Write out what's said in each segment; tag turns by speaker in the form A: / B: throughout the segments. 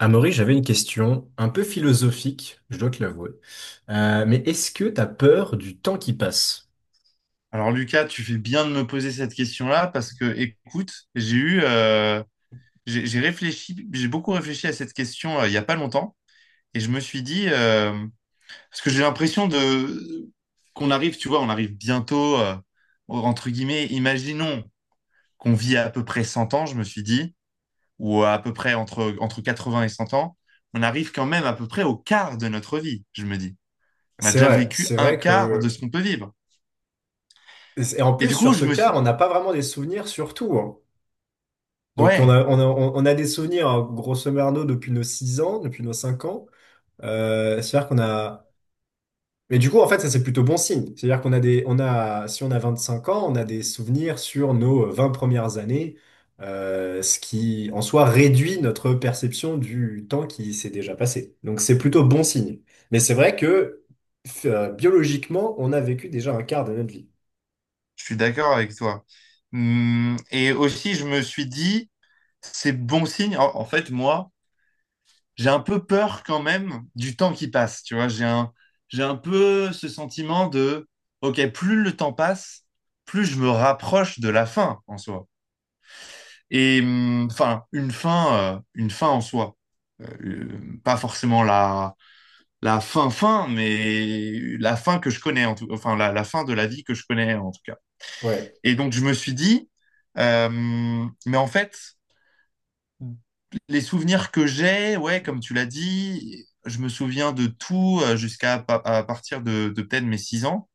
A: Amaury, j'avais une question un peu philosophique, je dois te l'avouer. Mais est-ce que t'as peur du temps qui passe?
B: Alors Lucas, tu fais bien de me poser cette question-là parce que, écoute, j'ai réfléchi, j'ai beaucoup réfléchi à cette question il y a pas longtemps et je me suis dit parce que j'ai l'impression de qu'on arrive, tu vois, on arrive bientôt, entre guillemets, imaginons qu'on vit à peu près 100 ans, je me suis dit, ou à peu près entre 80 et 100 ans, on arrive quand même à peu près au quart de notre vie, je me dis. On a déjà vécu
A: C'est
B: un
A: vrai
B: quart de
A: que...
B: ce qu'on peut vivre.
A: Et en
B: Et
A: plus,
B: du coup,
A: sur
B: je
A: ce
B: me
A: cas,
B: suis,
A: on n'a pas vraiment des souvenirs sur tout, hein. Donc, on
B: ouais.
A: a, on a, on a des souvenirs, hein, grosso merdo, depuis nos 6 ans, depuis nos 5 ans. C'est-à-dire qu'on a... Mais du coup, en fait, ça, c'est plutôt bon signe. C'est-à-dire qu'on a des, on a, si on a 25 ans, on a des souvenirs sur nos 20 premières années, ce qui, en soi, réduit notre perception du temps qui s'est déjà passé. Donc, c'est plutôt bon signe. Mais c'est vrai que, biologiquement, on a vécu déjà un quart de notre vie.
B: Je suis d'accord avec toi. Et aussi, je me suis dit, c'est bon signe. En fait, moi, j'ai un peu peur quand même du temps qui passe. Tu vois, j'ai un peu ce sentiment de, OK, plus le temps passe, plus je me rapproche de la fin en soi. Et enfin, une une fin en soi. Pas forcément la fin fin, mais la fin que je connais, en enfin, la fin de la vie que je connais en tout cas.
A: Ouais.
B: Et donc, je me suis dit, mais en fait, les souvenirs que j'ai, ouais, comme tu l'as dit, je me souviens de tout jusqu'à à partir de peut-être mes 6 ans.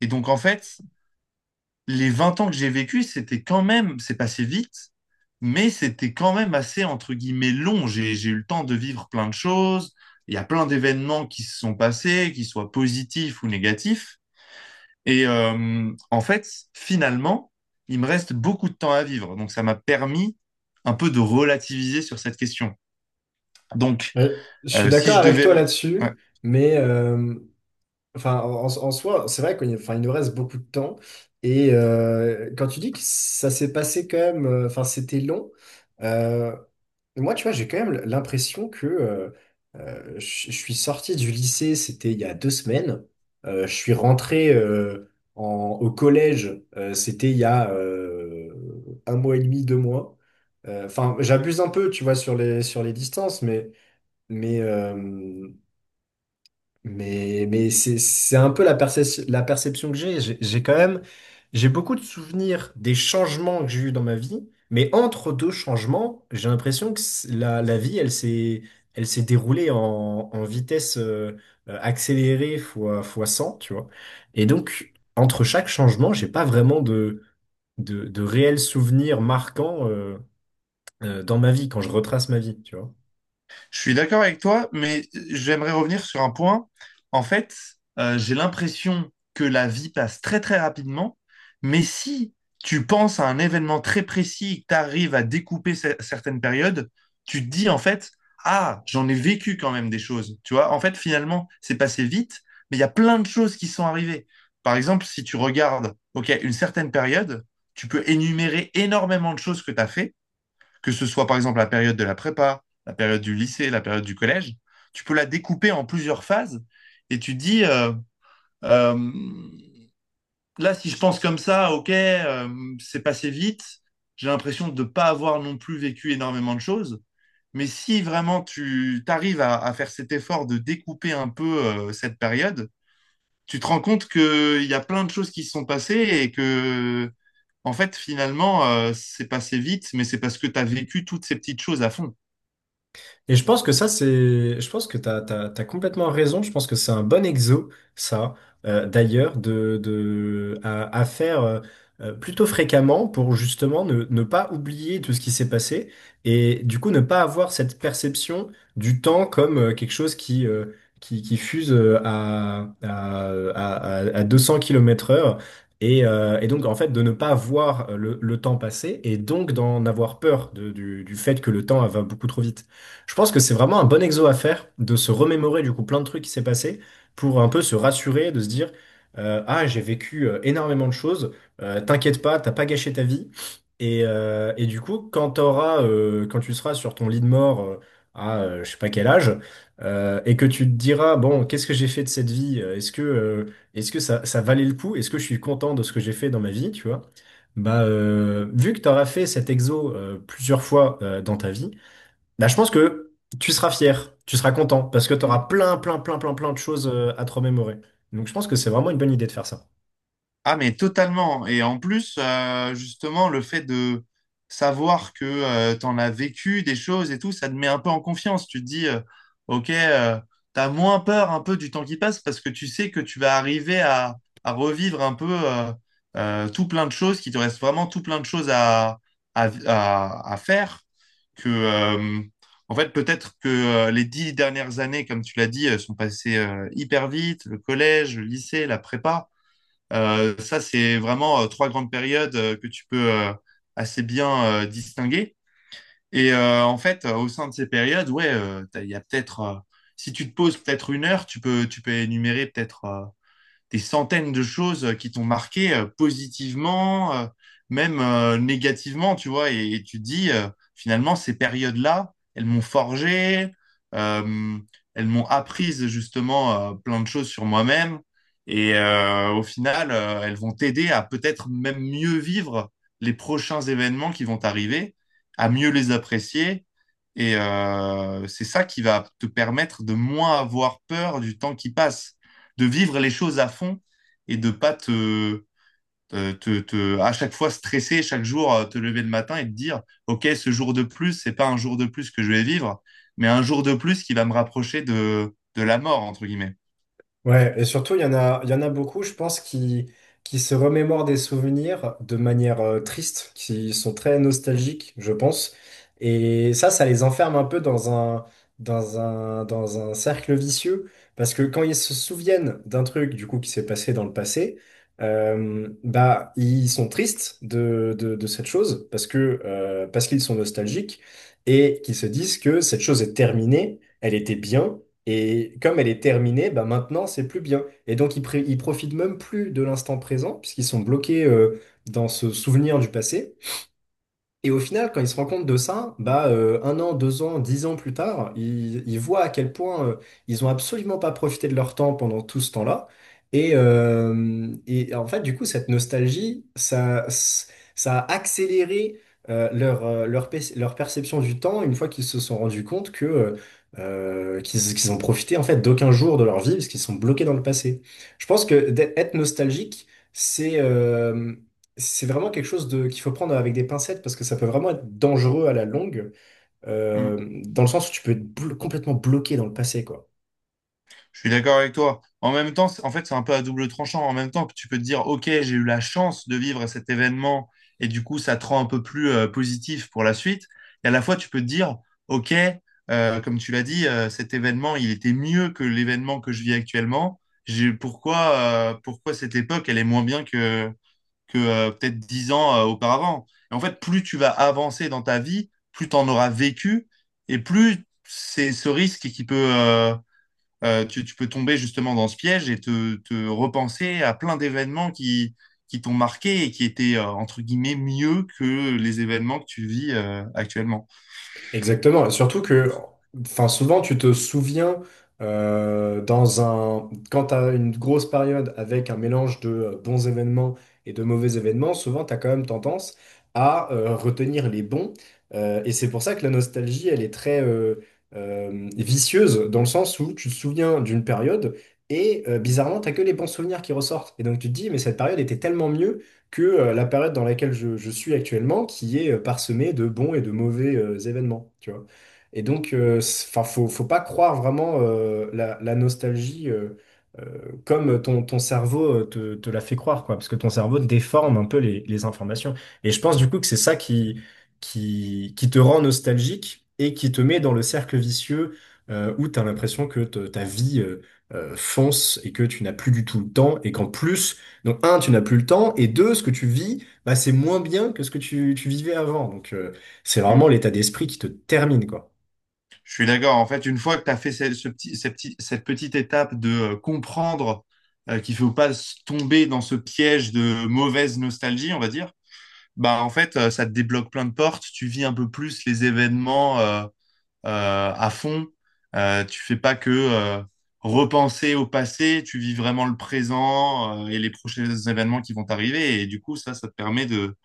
B: Et donc, en fait, les 20 ans que j'ai vécu, c'était quand c'est passé vite, mais c'était quand même assez, entre guillemets, long. J'ai eu le temps de vivre plein de choses. Il y a plein d'événements qui se sont passés, qu'ils soient positifs ou négatifs. Et en fait, finalement, il me reste beaucoup de temps à vivre. Donc, ça m'a permis un peu de relativiser sur cette question. Donc,
A: Ouais, je suis
B: si
A: d'accord
B: je
A: avec toi
B: devais
A: là-dessus, mais enfin, en, en soi, c'est vrai qu'il enfin, il nous reste beaucoup de temps. Et quand tu dis que ça s'est passé quand même, enfin, c'était long. euh, Moi, tu vois, j'ai quand même l'impression que je suis sorti du lycée, c'était il y a 2 semaines. Je suis rentré au collège, c'était il y a un mois et demi, 2 mois. Enfin, j'abuse un peu, tu vois, sur les distances, mais, euh, mais c'est un peu la la perception que j'ai. J'ai quand même, j'ai beaucoup de souvenirs des changements que j'ai eus dans ma vie, mais entre deux changements, j'ai l'impression que la, la vie, elle s'est déroulée en, en vitesse accélérée fois, fois 100, tu vois. Et donc, entre chaque changement, j'ai pas vraiment de réels souvenirs marquants dans ma vie, quand je retrace ma vie, tu vois.
B: Je suis d'accord avec toi, mais j'aimerais revenir sur un point. En fait, j'ai l'impression que la vie passe très très rapidement, mais si tu penses à un événement très précis, que tu arrives à découper certaines périodes, tu te dis en fait, ah, j'en ai vécu quand même des choses. Tu vois, en fait, finalement, c'est passé vite, mais il y a plein de choses qui sont arrivées. Par exemple, si tu regardes, OK, une certaine période, tu peux énumérer énormément de choses que tu as fait, que ce soit par exemple la période de la prépa, la période du lycée, la période du collège. Tu peux la découper en plusieurs phases et tu dis, euh, là, si je pense comme ça, ok, c'est passé vite, j'ai l'impression de ne pas avoir non plus vécu énormément de choses. Mais si vraiment tu arrives à faire cet effort de découper un peu cette période, tu te rends compte qu'il y a plein de choses qui se sont passées et que, en fait, finalement, c'est passé vite, mais c'est parce que tu as vécu toutes ces petites choses à fond.
A: Et je pense que ça, c'est... Je pense que t'as complètement raison. Je pense que c'est un bon exo, ça, d'ailleurs, de, à faire plutôt fréquemment pour justement ne, ne pas oublier tout ce qui s'est passé et du coup ne pas avoir cette perception du temps comme quelque chose qui fuse à 200 km/h heure. Et donc, en fait, de ne pas voir le temps passer et donc d'en avoir peur du fait que le temps va beaucoup trop vite. Je pense que c'est vraiment un bon exo à faire de se remémorer du coup plein de trucs qui s'est passé pour un peu se rassurer, de se dire ah, j'ai vécu énormément de choses, t'inquiète pas, t'as pas gâché ta vie. Et du coup quand quand tu seras sur ton lit de mort à je sais pas quel âge, et que tu te diras bon, qu'est-ce que j'ai fait de cette vie? Est-ce que ça valait le coup? Est-ce que je suis content de ce que j'ai fait dans ma vie? Tu vois? Bah vu que t'auras fait cet exo plusieurs fois dans ta vie, bah, je pense que tu seras fier, tu seras content, parce que tu auras
B: Mm.
A: plein, plein, plein, plein, plein de choses à te remémorer. Donc je pense que c'est vraiment une bonne idée de faire ça.
B: Ah, mais totalement. Et en plus, justement, le fait de savoir que tu as vécu des choses et tout, ça te met un peu en confiance. Tu te dis, OK, t'as moins peur un peu du temps qui passe parce que tu sais que tu vas arriver à revivre un peu tout plein de choses, qu'il te reste vraiment tout plein de choses à faire. Que, euh, En fait, peut-être que les 10 dernières années, comme tu l'as dit, sont passées hyper vite, le collège, le lycée, la prépa. Ça, c'est vraiment trois grandes périodes que tu peux assez bien distinguer. Et en fait, au sein de ces périodes, ouais, il y a peut-être, si tu te poses peut-être une heure, tu peux énumérer peut-être des centaines de choses qui t'ont marqué positivement, même négativement, tu vois, et tu te dis, finalement, ces périodes-là, elles m'ont forgé, euh, elles m'ont apprise justement plein de choses sur moi-même, et au final, elles vont t'aider à peut-être même mieux vivre les prochains événements qui vont t'arriver, à mieux les apprécier. Et c'est ça qui va te permettre de moins avoir peur du temps qui passe, de vivre les choses à fond et de pas à chaque fois stresser, chaque jour te lever le matin et te dire, OK, ce jour de plus, c'est pas un jour de plus que je vais vivre, mais un jour de plus qui va me rapprocher de la mort, entre guillemets.
A: Ouais, et surtout, il y en a beaucoup, je pense, qui se remémorent des souvenirs de manière triste, qui sont très nostalgiques, je pense. Et ça les enferme un peu dans un cercle vicieux, parce que quand ils se souviennent d'un truc, du coup, qui s'est passé dans le passé, bah, ils sont tristes de cette chose, parce que, parce qu'ils sont nostalgiques, et qu'ils se disent que cette chose est terminée, elle était bien. Et comme elle est terminée, bah maintenant, c'est plus bien. Et donc, ils, ils profitent même plus de l'instant présent, puisqu'ils sont bloqués dans ce souvenir du passé. Et au final, quand ils se rendent compte de ça, bah, 1 an, 2 ans, 10 ans plus tard, ils voient à quel point ils ont absolument pas profité de leur temps pendant tout ce temps-là. Et en fait, du coup, cette nostalgie, ça a accéléré leur perception du temps une fois qu'ils se sont rendus compte que, qu'ils, qu'ils ont profité en fait d'aucun jour de leur vie parce qu'ils sont bloqués dans le passé. Je pense que d'être être nostalgique, c'est euh, c'est vraiment quelque chose de, qu'il faut prendre avec des pincettes parce que ça peut vraiment être dangereux à la longue,
B: Mm.
A: dans le sens où tu peux être complètement bloqué dans le passé, quoi.
B: Je suis d'accord avec toi. En même temps, en fait, c'est un peu à double tranchant. En même temps, tu peux te dire, OK, j'ai eu la chance de vivre cet événement et du coup, ça te rend un peu plus positif pour la suite. Et à la fois, tu peux te dire, OK, comme tu l'as dit, cet événement, il était mieux que l'événement que je vis actuellement. Pourquoi, pourquoi cette époque, elle est moins bien que peut-être 10 ans auparavant? Et en fait, plus tu vas avancer dans ta vie, plus tu en auras vécu et plus c'est ce risque qui peut... tu peux tomber justement dans ce piège et te repenser à plein d'événements qui t'ont marqué et qui étaient, entre guillemets, mieux que les événements que tu vis actuellement.
A: Exactement, et surtout que, enfin, souvent tu te souviens dans un, quand tu as une grosse période avec un mélange de bons événements et de mauvais événements, souvent tu as quand même tendance à retenir les bons. Et c'est pour ça que la nostalgie, elle est très vicieuse, dans le sens où tu te souviens d'une période et bizarrement, tu que les bons souvenirs qui ressortent. Et donc tu te dis, mais cette période était tellement mieux que la période dans laquelle je suis actuellement, qui est parsemée de bons et de mauvais événements, tu vois. Et donc, enfin, faut, faut pas croire vraiment la, la nostalgie euh, comme ton, ton cerveau te, te la fait croire, quoi, parce que ton cerveau déforme un peu les informations. Et je pense du coup que c'est ça qui te rend nostalgique et qui te met dans le cercle vicieux où tu as l'impression que ta vie fonce et que tu n'as plus du tout le temps et qu'en plus, donc, un, tu n'as plus le temps, et deux, ce que tu vis, bah, c'est moins bien que ce que tu vivais avant. Donc, c'est vraiment
B: Mm.
A: l'état d'esprit qui te termine, quoi.
B: Je suis d'accord. En fait, une fois que tu as fait cette petite étape de comprendre qu'il faut pas tomber dans ce piège de mauvaise nostalgie, on va dire, bah en fait, ça te débloque plein de portes. Tu vis un peu plus les événements, à fond. Tu fais pas que repenser au passé, tu vis vraiment le présent et les prochains événements qui vont t'arriver. Et du coup, ça te permet de,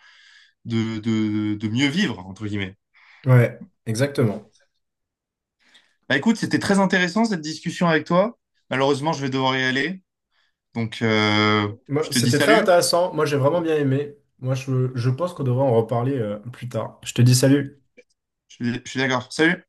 B: de, de, de mieux vivre, entre guillemets.
A: Ouais, exactement.
B: Bah, écoute, c'était très intéressant cette discussion avec toi. Malheureusement, je vais devoir y aller. Donc, euh,
A: Moi,
B: je te dis
A: c'était très
B: salut.
A: intéressant. Moi, j'ai vraiment bien aimé. Moi, je pense qu'on devrait en reparler, plus tard. Je te dis salut.
B: Je suis d'accord. Salut.